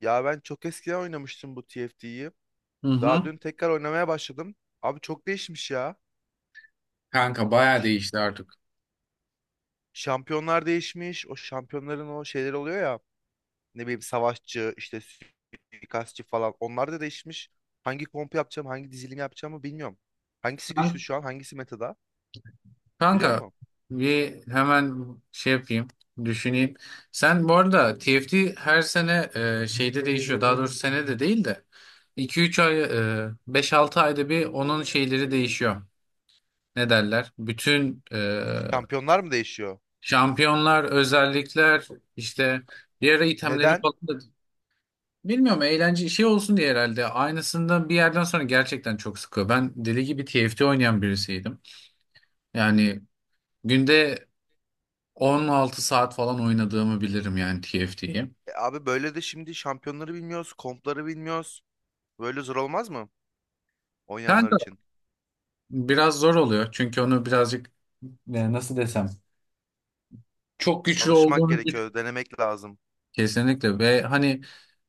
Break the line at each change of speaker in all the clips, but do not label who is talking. Ya ben çok eskiden oynamıştım bu TFT'yi.
Hı
Daha
hı.
dün tekrar oynamaya başladım. Abi çok değişmiş ya.
Kanka bayağı
Ş-
değişti artık.
Şampiyonlar değişmiş. O şampiyonların o şeyleri oluyor ya. Ne bileyim savaşçı, işte suikastçı falan. Onlar da değişmiş. Hangi komp yapacağım, hangi dizilim yapacağımı bilmiyorum. Hangisi güçlü
Kan-
şu an, hangisi metada? Biliyor
Kanka
musun?
bir hemen şey yapayım, düşüneyim. Sen bu arada TFT her sene şeyde değişiyor. Daha doğrusu sene de değil de iki üç ay, 5-6 ayda bir onun şeyleri değişiyor. Ne derler? Bütün
Şampiyonlar mı değişiyor?
şampiyonlar, özellikler, işte bir ara itemleri
Neden?
falan da bilmiyorum, eğlence şey olsun diye herhalde. Aynısından bir yerden sonra gerçekten çok sıkıyor. Ben deli gibi TFT oynayan birisiydim. Yani günde 16 saat falan oynadığımı bilirim yani TFT'yi.
E abi böyle de şimdi şampiyonları bilmiyoruz, kompları bilmiyoruz. Böyle zor olmaz mı oynayanlar
Kanka
için?
biraz zor oluyor çünkü onu birazcık nasıl desem çok güçlü
Alışmak
olduğunu düşün.
gerekiyor, denemek lazım.
Kesinlikle ve hani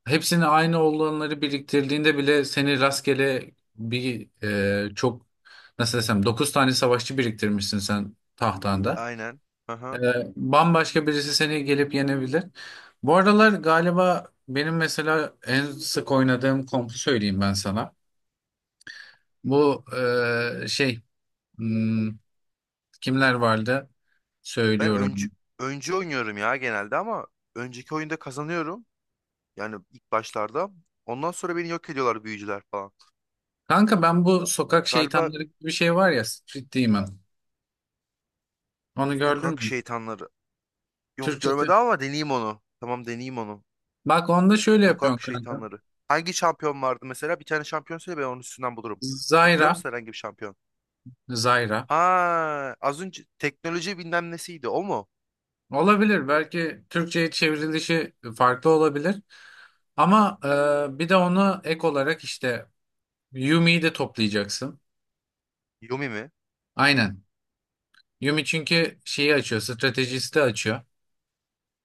hepsini aynı olanları biriktirdiğinde bile seni rastgele bir çok nasıl desem 9 tane savaşçı biriktirmişsin sen tahtanda.
Aynen. Hı
E,
hı.
bambaşka birisi seni gelip yenebilir. Bu aralar galiba benim mesela en sık oynadığım kompu söyleyeyim ben sana. Bu şey hmm, kimler vardı?
Ben öncü,
Söylüyorum.
öncü oynuyorum ya genelde ama önceki oyunda kazanıyorum. Yani ilk başlarda. Ondan sonra beni yok ediyorlar büyücüler falan.
Kanka ben bu sokak
Galiba
şeytanları gibi bir şey var ya, Street Demon. Onu gördün
sokak
mü?
şeytanları. Yok görmedim
Türkçesi.
ama deneyeyim onu. Tamam deneyeyim onu.
Bak onda şöyle yapıyorsun
Sokak
kanka.
şeytanları. Hangi şampiyon vardı mesela? Bir tane şampiyon söyle ben onun üstünden bulurum. Hatırlıyor
Zayra.
musun herhangi bir şampiyon?
Zayra.
Ha, az önce teknoloji bilmem nesiydi o mu?
Olabilir. Belki Türkçe'ye çevrilişi farklı olabilir. Ama bir de onu ek olarak işte Yumi'yi de toplayacaksın.
Yumi mi?
Aynen. Yumi çünkü şeyi açıyor. Stratejisti açıyor.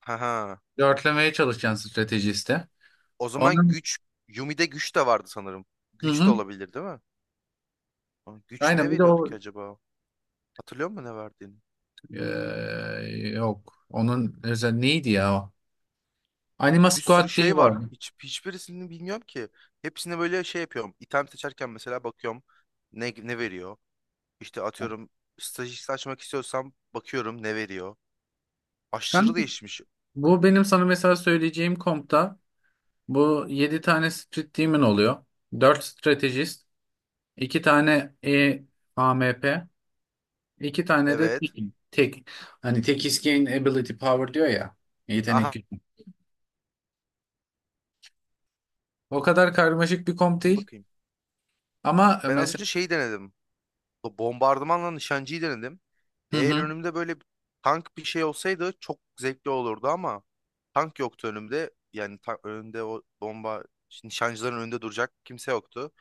Ha ha.
Dörtlemeye çalışacaksın stratejiste.
O zaman
Onun.
güç Yumi'de güç de vardı sanırım.
Hı
Güç de
hı.
olabilir değil mi? Ama güç
Aynen
ne
bir de
veriyordu ki
o,
acaba? Hatırlıyor musun ne verdiğini?
yok. Onun özel neydi ya o?
Abi
Anima
bir sürü
Squad şeyi
şey var.
var.
Hiç hiçbirisini bilmiyorum ki. Hepsine böyle şey yapıyorum. İtem seçerken mesela bakıyorum ne ne veriyor. İşte atıyorum stajist açmak istiyorsam bakıyorum ne veriyor. Aşırı
Kanka,
değişmiş.
bu benim sana mesela söyleyeceğim kompta bu 7 tane Street Demon oluyor. 4 stratejist, 2 tane A M P, 2 tane de
Evet.
tek, tek. Hani tek is gain ability power diyor ya. Yetenek
Aha
gücü. O kadar karmaşık bir komp
iyi
değil.
bakayım.
Ama
Ben az
mesela
önce şeyi denedim. Bu bombardımanla nişancıyı denedim.
hı
Eğer
hı.
önümde böyle tank bir şey olsaydı çok zevkli olurdu ama tank yoktu önümde. Yani ta önümde o bomba nişancıların önünde duracak kimse yoktu.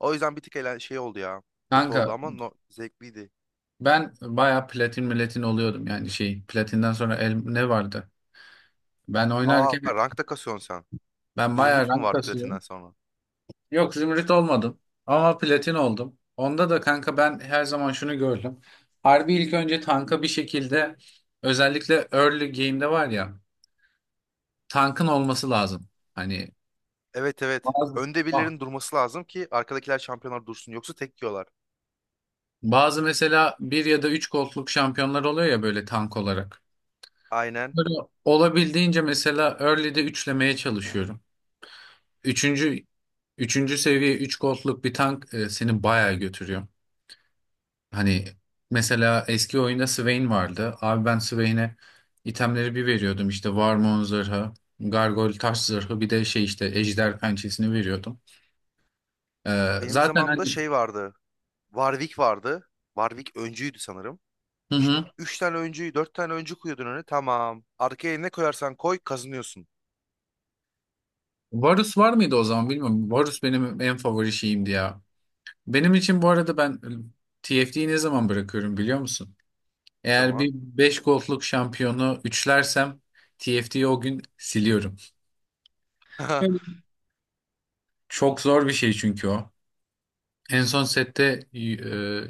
O yüzden bir tık eğlen şey oldu ya. Kötü oldu
Kanka
ama no zevkliydi.
ben bayağı platin milletin oluyordum, yani şey, platinden sonra ne vardı? Ben
Aa
oynarken
rankta kasıyorsun sen.
ben bayağı
Zümrüt mü
rank
vardı platinden
kasıyorum.
sonra?
Yok zümrüt olmadım ama platin oldum. Onda da kanka ben her zaman şunu gördüm. Harbi ilk önce tanka bir şekilde özellikle early game'de var ya tankın olması lazım. Hani
Evet evet.
bazı
Önde
ah,
birilerinin durması lazım ki arkadakiler şampiyonlar dursun. Yoksa tek yiyorlar.
bazı mesela bir ya da üç gold'luk şampiyonlar oluyor ya böyle tank olarak.
Aynen.
Böyle olabildiğince mesela early'de üçlemeye çalışıyorum. Üçüncü, üçüncü seviye üç gold'luk bir tank seni bayağı götürüyor. Hani mesela eski oyunda Swain vardı. Abi ben Swain'e itemleri bir veriyordum. İşte Warmon zırhı, Gargoyle taş zırhı, bir de şey işte Ejder pençesini veriyordum. Ee,
Benim
zaten
zamanımda
hani
şey vardı. Warwick vardı. Warwick öncüydü sanırım.
hı
İşte
hı.
3 tane öncüyü 4 tane öncü koyuyordun öne. Tamam. Arkaya ne koyarsan koy kazanıyorsun.
Varus var mıydı o zaman bilmiyorum. Varus benim en favori şeyimdi ya. Benim için bu arada ben TFT'yi ne zaman bırakıyorum biliyor musun?
O
Eğer bir
zaman.
5 gold'luk şampiyonu üçlersem TFT'yi o gün siliyorum. Öyle. Çok zor bir şey çünkü o. En son sette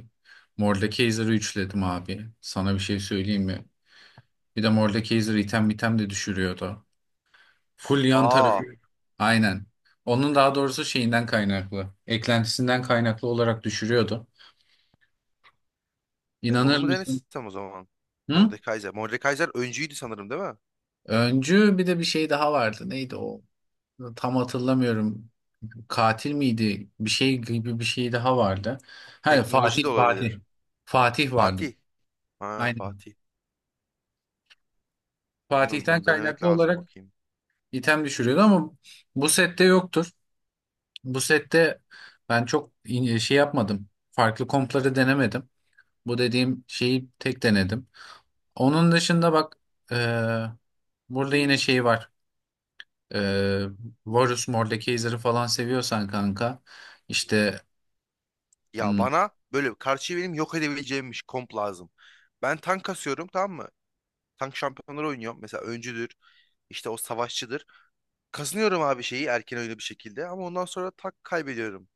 Mordekaiser'ı üçledim abi. Sana bir şey söyleyeyim mi? Bir de Mordekaiser item item de düşürüyordu. Full yan tarafı.
Aa
Aynen. Onun daha doğrusu şeyinden kaynaklı. Eklentisinden kaynaklı olarak düşürüyordu.
ben onu
İnanır
mu
mısın?
denesem o zaman?
Hı?
Mordekaiser. Mordekaiser öncüydü sanırım değil mi?
Öncü bir de bir şey daha vardı. Neydi o? Tam hatırlamıyorum. Katil miydi? Bir şey gibi bir şey daha vardı. Hani
Teknoloji de
Fatih Fatih.
olabilir.
Fatih vardı.
Fatih. Ha
Aynen.
Fatih. Bilmiyorum
Fatih'ten
onu denemek
kaynaklı
lazım
olarak
bakayım.
item düşürüyordu ama bu sette yoktur. Bu sette ben çok şey yapmadım. Farklı kompları denemedim. Bu dediğim şeyi tek denedim. Onun dışında bak e, burada yine şey var. E, Varus Mordekaiser'ı falan seviyorsan kanka işte
Ya
hmm,
bana böyle karşıyı benim yok edebileceğimmiş komp lazım. Ben tank kasıyorum tamam mı? Tank şampiyonları oynuyorum. Mesela öncüdür. İşte o savaşçıdır. Kazanıyorum abi şeyi erken oyunu bir şekilde. Ama ondan sonra tak kaybediyorum.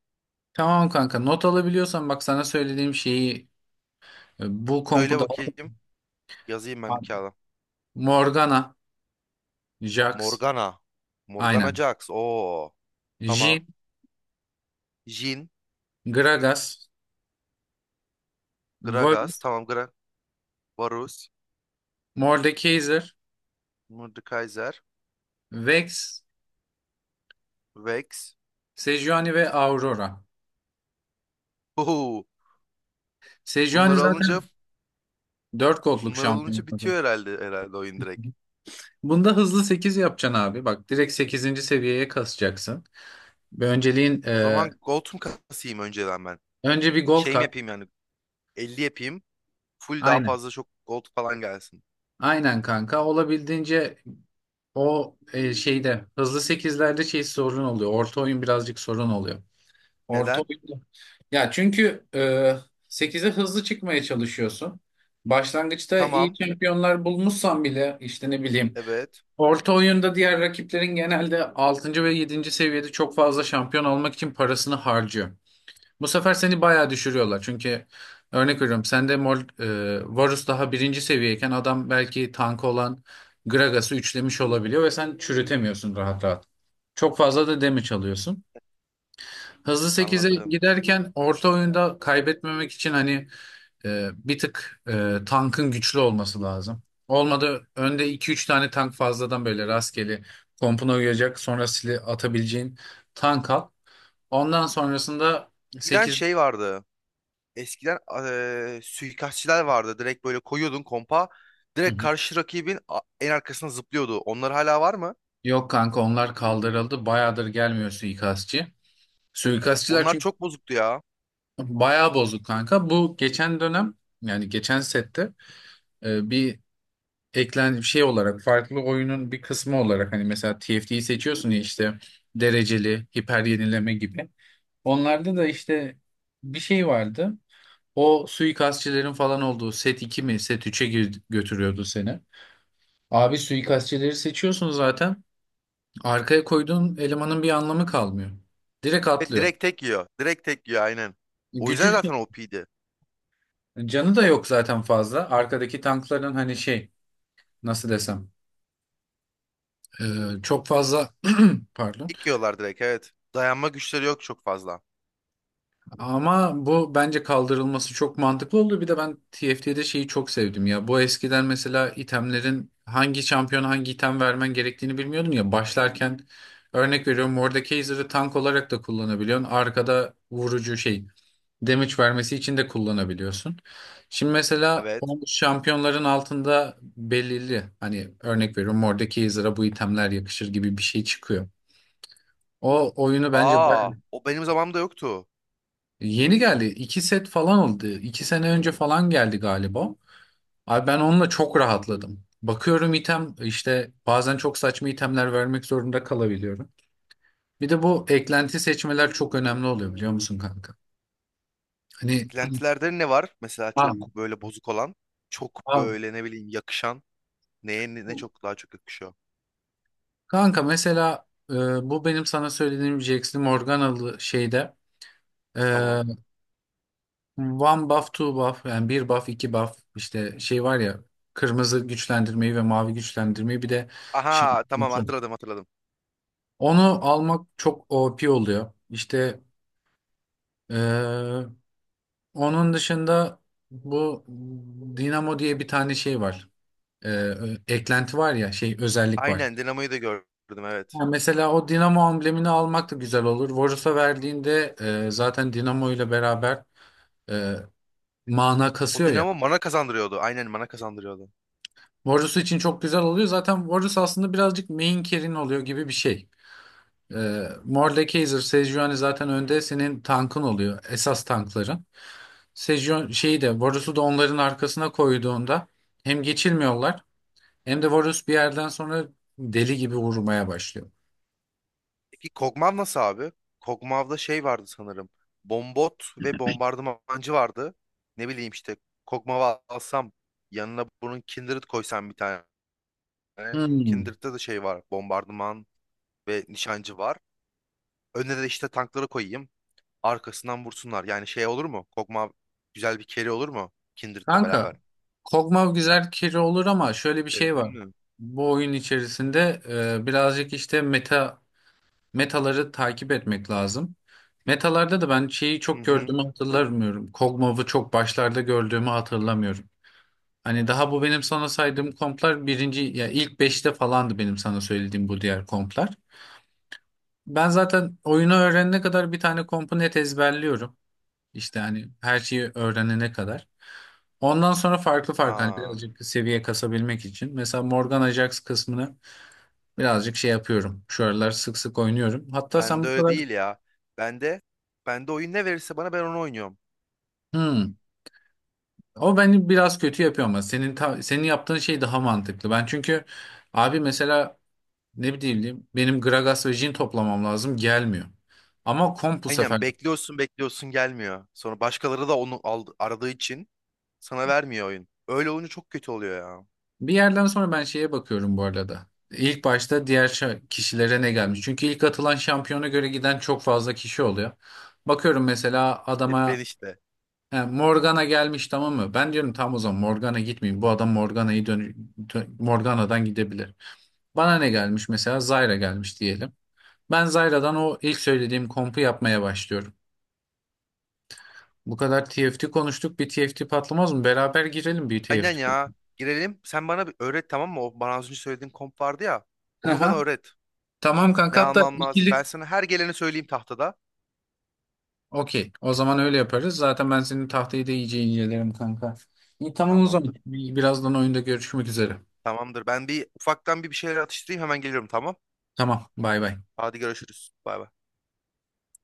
tamam kanka, not alabiliyorsan bak sana söylediğim şeyi, bu kompu
Söyle
da
bakayım. Yazayım ben bir kağıda.
Morgana, Jax
Morgana. Morgana
aynen.
Jax. Oo.
Jhin,
Tamam. Jhin.
Gragas,
Gragas.
Varus,
Tamam Gra. Varus.
Mordekaiser,
Mordekaiser.
Vex,
Vex.
Sejuani ve Aurora.
Oo.
Sejuani
Bunları alınca
zaten 4 gold'luk
Bunlar alınca
şampiyon.
bitiyor herhalde oyun direkt.
Bunda hızlı 8 yapacaksın abi. Bak direkt sekizinci seviyeye kasacaksın. Bir önceliğin,
O zaman gold mu kasayım önceden ben?
önce bir gold
Şey mi
kat.
yapayım yani 50 yapayım. Full daha
Aynen.
fazla çok gold falan gelsin.
Aynen kanka. Olabildiğince o şeyde hızlı sekizlerde şey sorun oluyor. Orta oyun birazcık sorun oluyor. Orta
Neden?
oyunda. Ya çünkü 8'e hızlı çıkmaya çalışıyorsun. Başlangıçta iyi
Tamam.
şampiyonlar bulmuşsan bile işte ne bileyim
Evet.
orta oyunda diğer rakiplerin genelde 6. ve yedinci seviyede çok fazla şampiyon almak için parasını harcıyor. Bu sefer seni bayağı düşürüyorlar. Çünkü örnek veriyorum sende Varus daha birinci seviyeyken adam belki tank olan Gragas'ı üçlemiş olabiliyor ve sen çürütemiyorsun rahat rahat. Çok fazla da damage alıyorsun. Hızlı sekize
Anladım.
giderken orta oyunda kaybetmemek için hani bir tık tankın güçlü olması lazım. Olmadı önde iki üç tane tank fazladan böyle rastgele kompuna uyacak sonra sili atabileceğin tank al. Ondan sonrasında
Giden
sekiz.
şey vardı. Eskiden suikastçiler vardı. Direkt böyle koyuyordun kompa.
Hı
Direkt
hı.
karşı rakibin a- en arkasına zıplıyordu. Onlar hala var mı?
Yok kanka onlar kaldırıldı. Bayağıdır gelmiyor suikastçı. Suikastçılar
Onlar
çünkü
çok bozuktu ya.
bayağı bozuk kanka. Bu geçen dönem, yani geçen sette e, bir bir şey olarak farklı oyunun bir kısmı olarak hani mesela TFT'yi seçiyorsun ya işte dereceli hiper yenileme gibi. Onlarda da işte bir şey vardı. O suikastçilerin falan olduğu set 2 mi set üçe götürüyordu seni. Abi suikastçileri seçiyorsun zaten. Arkaya koyduğun elemanın bir anlamı kalmıyor. Direkt
Evet,
atlıyor.
direkt tek yiyor. Direkt tek yiyor aynen. O yüzden
Gücü şey,
zaten o OP'ydi.
canı da yok zaten fazla. Arkadaki tankların hani şey nasıl desem e, çok fazla pardon.
İlk yiyorlar direkt evet. Dayanma güçleri yok çok fazla.
Ama bu bence kaldırılması çok mantıklı oldu. Bir de ben TFT'de şeyi çok sevdim ya. Bu eskiden mesela itemlerin hangi şampiyon hangi item vermen gerektiğini bilmiyordun ya. Başlarken örnek veriyorum Mordekaiser'ı tank olarak da kullanabiliyorsun. Arkada vurucu şey damage vermesi için de kullanabiliyorsun. Şimdi mesela
Evet.
o şampiyonların altında belirli hani örnek veriyorum Mordekaiser'a bu itemler yakışır gibi bir şey çıkıyor. O oyunu bence
Aa,
bayağı.
o benim zamanımda yoktu.
Yeni geldi. İki set falan oldu. İki sene önce falan geldi galiba. Abi ben onunla çok rahatladım. Bakıyorum item işte bazen çok saçma itemler vermek zorunda kalabiliyorum. Bir de bu eklenti seçmeler çok önemli oluyor biliyor musun kanka? Hani
Eklentilerde ne var? Mesela çok
a-
böyle bozuk olan, çok
a-
böyle ne bileyim yakışan. Neye ne, ne çok daha çok yakışıyor.
kanka mesela bu benim sana söylediğim Jax'li Morganalı şeyde e,
Tamam.
one buff two buff yani bir buff iki buff işte şey var ya, kırmızı güçlendirmeyi ve mavi güçlendirmeyi, bir de şey.
Aha, tamam hatırladım hatırladım.
Onu almak çok OP oluyor. İşte eee, onun dışında bu Dinamo diye bir tane şey var. Eee, eklenti var ya şey özellik var.
Aynen Dinamo'yu da gördüm evet.
Ha, mesela o Dinamo amblemini almak da güzel olur. Varus'a verdiğinde zaten Dinamo ile beraber eee, mana
O
kasıyor ya.
Dinamo bana kazandırıyordu. Aynen bana kazandırıyordu.
Varus için çok güzel oluyor. Zaten Varus aslında birazcık main carry'in oluyor gibi bir şey. Morle Kaiser, Sejuani zaten önde senin tankın oluyor. Esas tankların. Sejuani şeyi de Varus'u da onların arkasına koyduğunda hem geçilmiyorlar, hem de Varus bir yerden sonra deli gibi vurmaya başlıyor.
Peki Kog'Maw nasıl abi? Kog'Maw'da şey vardı sanırım. Bombot ve bombardımancı vardı. Ne bileyim işte Kog'Maw'ı alsam yanına bunun Kindred koysam bir tane.
Hmm.
Kindred'de de şey var. Bombardıman ve nişancı var. Önüne de işte tankları koyayım. Arkasından vursunlar. Yani şey olur mu? Kogma güzel bir carry olur mu? Kindred'le
Kanka
beraber.
Kog'Maw güzel carry olur ama şöyle bir şey
Denedin
var.
mi?
Bu oyun içerisinde birazcık işte meta metaları takip etmek lazım. Metalarda da ben şeyi
Hı
çok
hı.
gördüğümü hatırlamıyorum. Kog'Maw'ı çok başlarda gördüğümü hatırlamıyorum. Hani daha bu benim sana saydığım komplar birinci ya ilk beşte falandı benim sana söylediğim bu diğer komplar. Ben zaten oyunu öğrenene kadar bir tane kompu net ezberliyorum. İşte hani her şeyi öğrenene kadar. Ondan sonra farklı farklı hani
Aa,
birazcık seviye kasabilmek için. Mesela Morgan Ajax kısmını birazcık şey yapıyorum. Şu aralar sık sık oynuyorum. Hatta sen
bende
bu
öyle
kadar...
değil ya. Bende bende oyun ne verirse bana ben onu oynuyorum.
Hmm. O beni biraz kötü yapıyor ama senin yaptığın şey daha mantıklı. Ben çünkü abi mesela ne bileyim benim Gragas ve Jin toplamam lazım gelmiyor. Ama komp bu sefer.
Aynen bekliyorsun bekliyorsun gelmiyor. Sonra başkaları da onu aldı, aradığı için sana vermiyor oyun. Öyle olunca çok kötü oluyor ya.
Bir yerden sonra ben şeye bakıyorum bu arada. İlk başta diğer kişilere ne gelmiş? Çünkü ilk atılan şampiyona göre giden çok fazla kişi oluyor. Bakıyorum mesela
E, ben
adama
işte.
he, Morgana gelmiş tamam mı? Ben diyorum tam o zaman Morgana gitmeyeyim. Bu adam Morgana'yı Morgana'dan gidebilir. Bana ne gelmiş mesela? Zyra gelmiş diyelim. Ben Zyra'dan o ilk söylediğim kompu yapmaya başlıyorum. Bu kadar TFT konuştuk. Bir TFT patlamaz mı? Beraber girelim bir
Aynen
TFT.
ya. Girelim. Sen bana bir öğret tamam mı? O bana az önce söylediğin komp vardı ya. Onu bana
Aha.
öğret.
Tamam
Ne
kanka hatta
almam lazım?
ikili.
Ben sana her geleni söyleyeyim tahtada.
Okey. O zaman öyle yaparız. Zaten ben senin tahtayı da iyice incelerim kanka. İyi tamam o zaman.
Tamamdır.
Birazdan oyunda görüşmek üzere.
Tamamdır. Ben bir ufaktan bir şeyler atıştırayım hemen geliyorum tamam.
Tamam. Bay bay.
Hadi görüşürüz. Bay bay.